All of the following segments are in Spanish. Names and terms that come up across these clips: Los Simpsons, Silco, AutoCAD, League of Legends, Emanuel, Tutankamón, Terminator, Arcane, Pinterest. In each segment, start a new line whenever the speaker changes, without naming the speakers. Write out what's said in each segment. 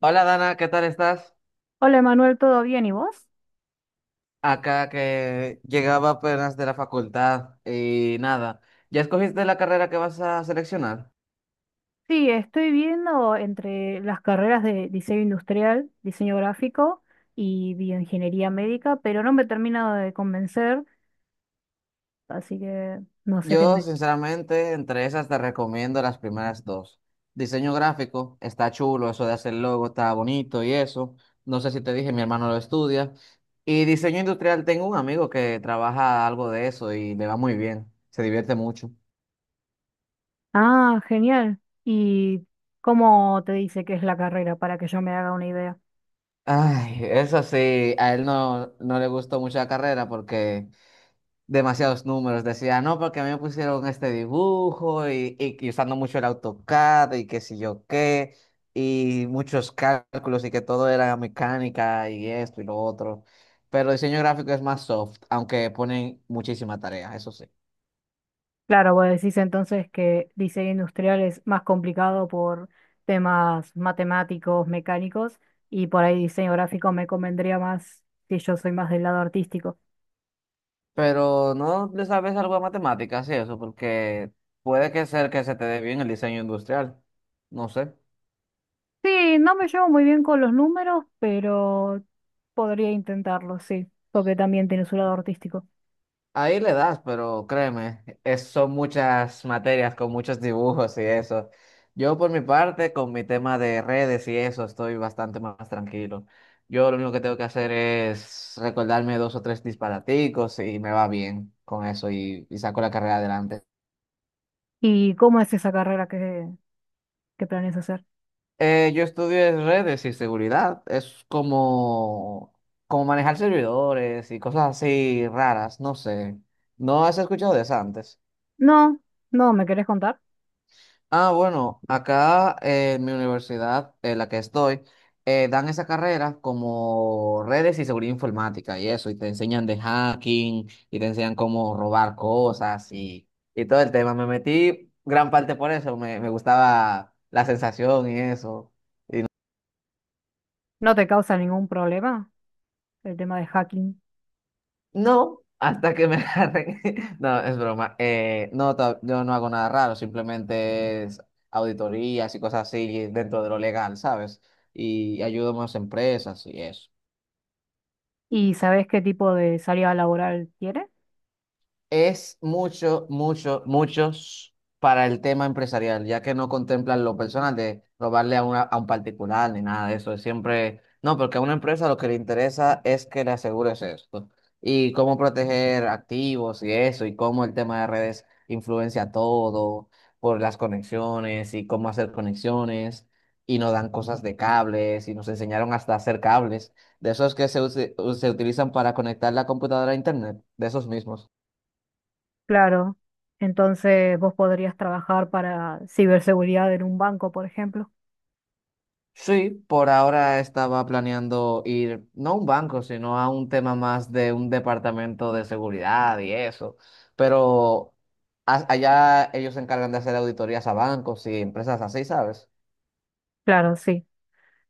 Hola Dana, ¿qué tal estás?
Hola Emanuel, ¿todo bien? ¿Y vos?
Acá que llegaba apenas de la facultad y nada, ¿ya escogiste la carrera que vas a seleccionar?
Sí, estoy viendo entre las carreras de diseño industrial, diseño gráfico y bioingeniería médica, pero no me he terminado de convencer, así que no sé qué
Yo
me...
sinceramente entre esas te recomiendo las primeras dos. Diseño gráfico, está chulo, eso de hacer logo está bonito y eso. No sé si te dije, mi hermano lo estudia. Y diseño industrial, tengo un amigo que trabaja algo de eso y le va muy bien, se divierte mucho.
Ah, genial. ¿Y cómo te dice que es la carrera para que yo me haga una idea?
Ay, eso sí, a él no, no le gustó mucho la carrera porque demasiados números. Decía, no, porque a mí me pusieron este dibujo y usando mucho el AutoCAD y qué sé yo qué, y muchos cálculos y que todo era mecánica y esto y lo otro. Pero diseño gráfico es más soft, aunque ponen muchísima tarea, eso sí.
Claro, vos decís entonces que diseño industrial es más complicado por temas matemáticos, mecánicos, y por ahí diseño gráfico me convendría más si yo soy más del lado artístico.
Pero no le sabes algo de matemáticas y eso, porque puede que ser que se te dé bien el diseño industrial. No sé.
Sí, no me llevo muy bien con los números, pero podría intentarlo, sí, porque también tiene su lado artístico.
Ahí le das, pero créeme, son muchas materias con muchos dibujos y eso. Yo por mi parte, con mi tema de redes y eso, estoy bastante más tranquilo. Yo lo único que tengo que hacer es recordarme dos o tres disparaticos y me va bien con eso y saco la carrera adelante.
¿Y cómo es esa carrera que planeas hacer?
Yo estudié redes y seguridad. Es como, como manejar servidores y cosas así raras, no sé. ¿No has escuchado de eso antes?
No, no, ¿me querés contar?
Ah, bueno, acá en mi universidad, en la que estoy, dan esa carrera como redes y seguridad informática y eso, y te enseñan de hacking, y te enseñan cómo robar cosas y todo el tema. Me metí gran parte por eso, me gustaba la sensación y eso.
¿No te causa ningún problema el tema de hacking?
No, hasta que me agarren. No, es broma. No, yo no hago nada raro, simplemente es auditorías y cosas así dentro de lo legal, ¿sabes? Y ayudo más empresas y eso.
¿Y sabés qué tipo de salida laboral tiene?
Es mucho, mucho, muchos para el tema empresarial, ya que no contemplan lo personal de robarle a, una, a un particular ni nada de eso. Es siempre, no, porque a una empresa lo que le interesa es que le asegures esto. Y cómo proteger activos y eso, y cómo el tema de redes influencia todo por las conexiones y cómo hacer conexiones. Y nos dan cosas de cables y nos enseñaron hasta hacer cables, de esos que se utilizan para conectar la computadora a internet, de esos mismos.
Claro, entonces vos podrías trabajar para ciberseguridad en un banco, por ejemplo.
Sí, por ahora estaba planeando ir no a un banco, sino a un tema más de un departamento de seguridad y eso. Pero allá ellos se encargan de hacer auditorías a bancos y empresas así, ¿sabes?
Claro, sí.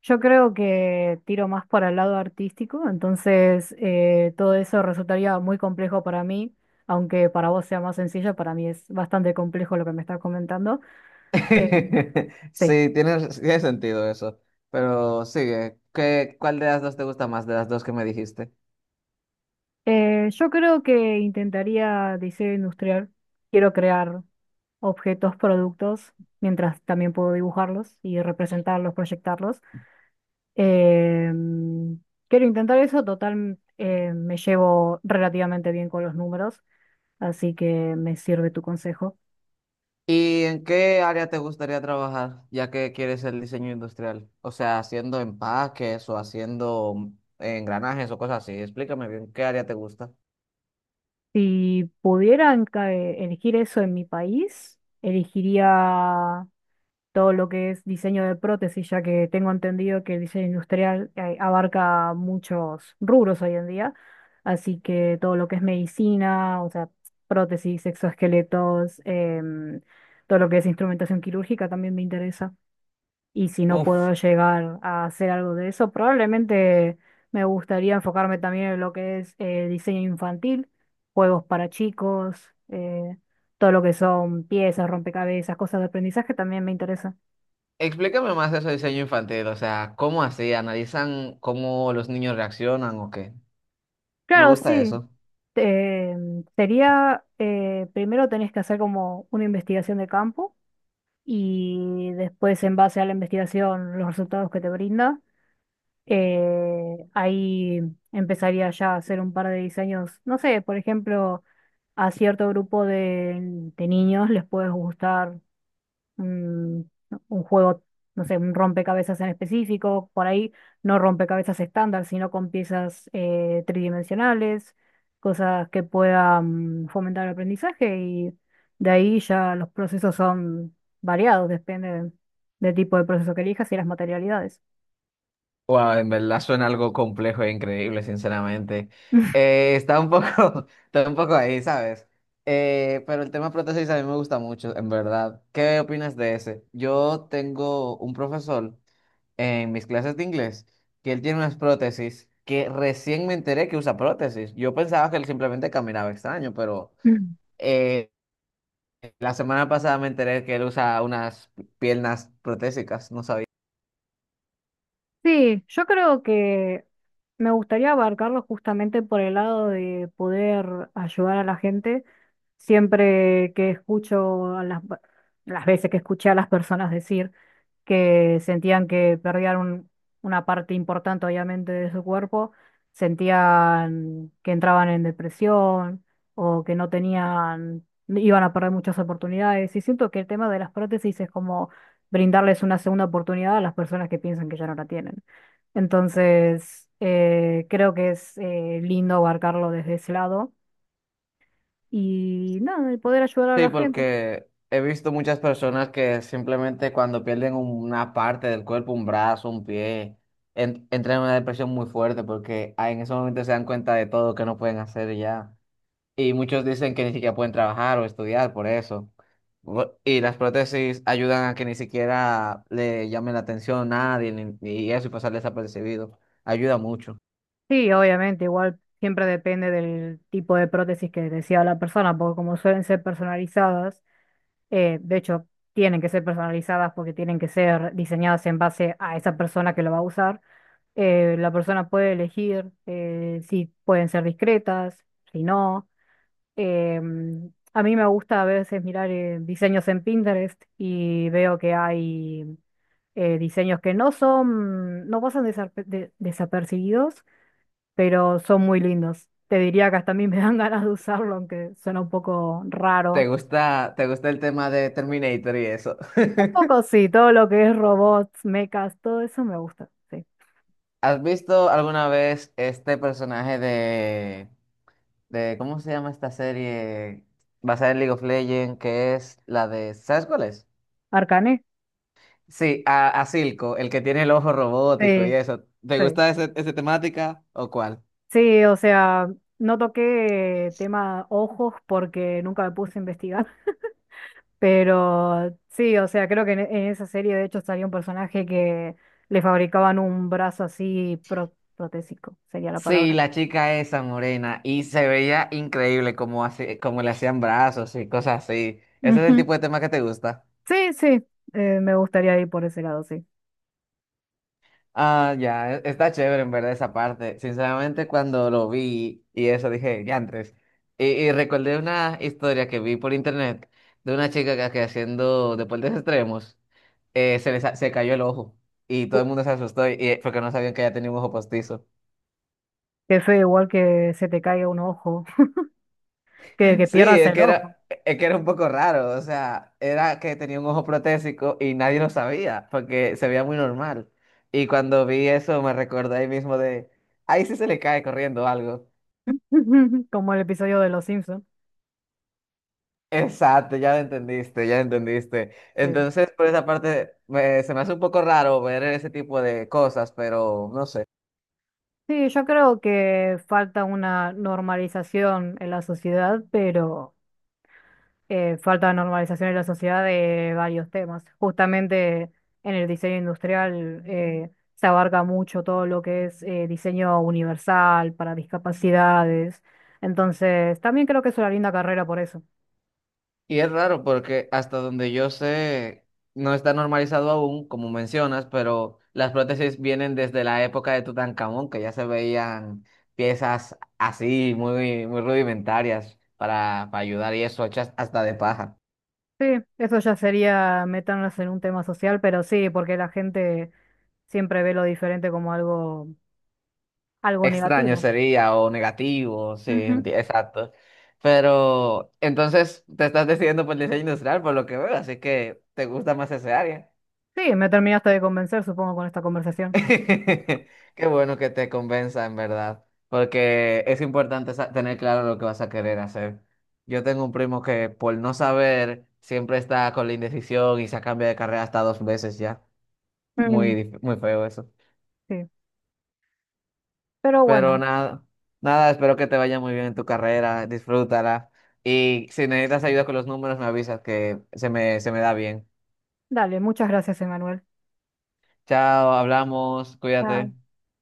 Yo creo que tiro más para el lado artístico, entonces todo eso resultaría muy complejo para mí, aunque para vos sea más sencillo, para mí es bastante complejo lo que me estás comentando. Eh, sí.
Sí, tiene sentido eso. Pero sigue. ¿Qué, cuál de las dos te gusta más de las dos que me dijiste?
Yo creo que intentaría diseño industrial, quiero crear objetos, productos, mientras también puedo dibujarlos y representarlos, proyectarlos. Em, quiero intentar eso, total, me llevo relativamente bien con los números, así que me sirve tu consejo.
¿Y en qué área te gustaría trabajar, ya que quieres el diseño industrial? O sea, haciendo empaques o haciendo engranajes o cosas así. Explícame bien, ¿qué área te gusta?
Si pudieran elegir eso en mi país, elegiría todo lo que es diseño de prótesis, ya que tengo entendido que el diseño industrial abarca muchos rubros hoy en día, así que todo lo que es medicina, o sea, prótesis, exoesqueletos, todo lo que es instrumentación quirúrgica también me interesa. Y si no puedo
Uf,
llegar a hacer algo de eso, probablemente me gustaría enfocarme también en lo que es diseño infantil, juegos para chicos, todo lo que son piezas, rompecabezas, cosas de aprendizaje también me interesa.
explícame más eso de diseño infantil, o sea, ¿cómo así? ¿Analizan cómo los niños reaccionan o qué? Me
Claro,
gusta
sí.
eso.
eh, sería, primero tenés que hacer como una investigación de campo y después en base a la investigación los resultados que te brinda. Ahí empezaría ya a hacer un par de diseños, no sé, por ejemplo, a cierto grupo de niños les puede gustar un, un juego, no sé, un rompecabezas en específico, por ahí no rompecabezas estándar, sino con piezas tridimensionales, cosas que puedan fomentar el aprendizaje y de ahí ya los procesos son variados, depende del tipo de proceso que elijas y las materialidades.
Wow, en verdad suena algo complejo e increíble, sinceramente. Está un poco, está un poco ahí, ¿sabes? Pero el tema prótesis a mí me gusta mucho, en verdad. ¿Qué opinas de ese? Yo tengo un profesor en mis clases de inglés que él tiene unas prótesis que recién me enteré que usa prótesis. Yo pensaba que él simplemente caminaba extraño, pero eh, la semana pasada me enteré que él usa unas piernas protésicas, no sabía.
Sí, yo creo que me gustaría abarcarlo justamente por el lado de poder ayudar a la gente. Siempre que escucho a las veces que escuché a las personas decir que sentían que perdían una parte importante, obviamente, de su cuerpo, sentían que entraban en depresión o que no tenían, iban a perder muchas oportunidades. Y siento que el tema de las prótesis es como brindarles una segunda oportunidad a las personas que piensan que ya no la tienen. Entonces, creo que es lindo abarcarlo desde ese lado. Y nada, el poder ayudar a
Sí,
la gente.
porque he visto muchas personas que simplemente cuando pierden una parte del cuerpo, un brazo, un pie, entran en una depresión muy fuerte porque ah, en ese momento se dan cuenta de todo que no pueden hacer y ya. Y muchos dicen que ni siquiera pueden trabajar o estudiar por eso. Y las prótesis ayudan a que ni siquiera le llamen la atención a nadie y eso y pasar desapercibido. Ayuda mucho.
Sí, obviamente, igual siempre depende del tipo de prótesis que decía la persona, porque como suelen ser personalizadas, de hecho, tienen que ser personalizadas porque tienen que ser diseñadas en base a esa persona que lo va a usar. La persona puede elegir si pueden ser discretas, si no. A mí me gusta a veces mirar diseños en Pinterest y veo que hay diseños que no son, no pasan desapercibidos, pero son muy lindos. Te diría que hasta a mí me dan ganas de usarlo, aunque suena un poco
¿Te
raro.
gusta, te gusta el tema de Terminator y eso?
Un poco sí, todo lo que es robots, mechas, todo eso me gusta, sí.
¿Has visto alguna vez este personaje de cómo se llama esta serie basada en League of Legends? Que es la de, ¿sabes cuál es?
¿Arcane?
Sí, a Silco, el que tiene el ojo robótico y
Sí,
eso. ¿Te
sí.
gusta esa temática o cuál?
Sí, o sea, no toqué tema ojos porque nunca me puse a investigar, pero sí, o sea, creo que en esa serie de hecho salía un personaje que le fabricaban un brazo así protésico, sería la
Sí,
palabra.
la chica esa morena y se veía increíble como, así, como le hacían brazos y cosas así. ¿Ese es el
Ujú.
tipo de tema que te gusta?
Sí, sí, me gustaría ir por ese lado, sí.
Ah, ya, está chévere en verdad esa parte. Sinceramente, cuando lo vi y eso dije, diantres. Y recordé una historia que vi por internet de una chica que haciendo deportes extremos se cayó el ojo y todo el mundo se asustó y porque no sabían que ella tenía un ojo postizo.
Qué feo, igual que se te caiga un ojo, que
Sí,
pierdas el ojo,
es que era un poco raro, o sea, era que tenía un ojo protésico y nadie lo sabía porque se veía muy normal. Y cuando vi eso me recordé ahí mismo de, ahí sí se le cae corriendo algo.
como el episodio de Los Simpsons.
Exacto, ya lo entendiste, ya lo entendiste.
Sí.
Entonces, por esa parte, se me hace un poco raro ver ese tipo de cosas, pero no sé.
Sí, yo creo que falta una normalización en la sociedad, pero falta normalización en la sociedad de varios temas. Justamente en el diseño industrial se abarca mucho todo lo que es diseño universal para discapacidades. Entonces, también creo que es una linda carrera por eso.
Y es raro porque hasta donde yo sé, no está normalizado aún, como mencionas, pero las prótesis vienen desde la época de Tutankamón, que ya se veían piezas así, muy rudimentarias para ayudar y eso, hechas hasta de paja.
Sí, eso ya sería meternos en un tema social, pero sí, porque la gente siempre ve lo diferente como algo, algo
Extraño
negativo.
sería o negativo, sí,
Ujú.
exacto. Pero entonces te estás decidiendo por el diseño industrial, por lo que veo, así que te gusta más ese área.
Sí, me terminaste de convencer, supongo, con esta conversación.
Qué bueno que te convenza, en verdad, porque es importante tener claro lo que vas a querer hacer. Yo tengo un primo que por no saber siempre está con la indecisión y se cambia de carrera hasta dos veces ya.
Mm.
Muy, muy feo.
Sí. Pero
Pero
bueno,
nada, nada, espero que te vaya muy bien en tu carrera, disfrútala. Y si necesitas ayuda con los números, me avisas que se me da bien.
dale, muchas gracias, Emanuel.
Chao, hablamos, cuídate.
Chao.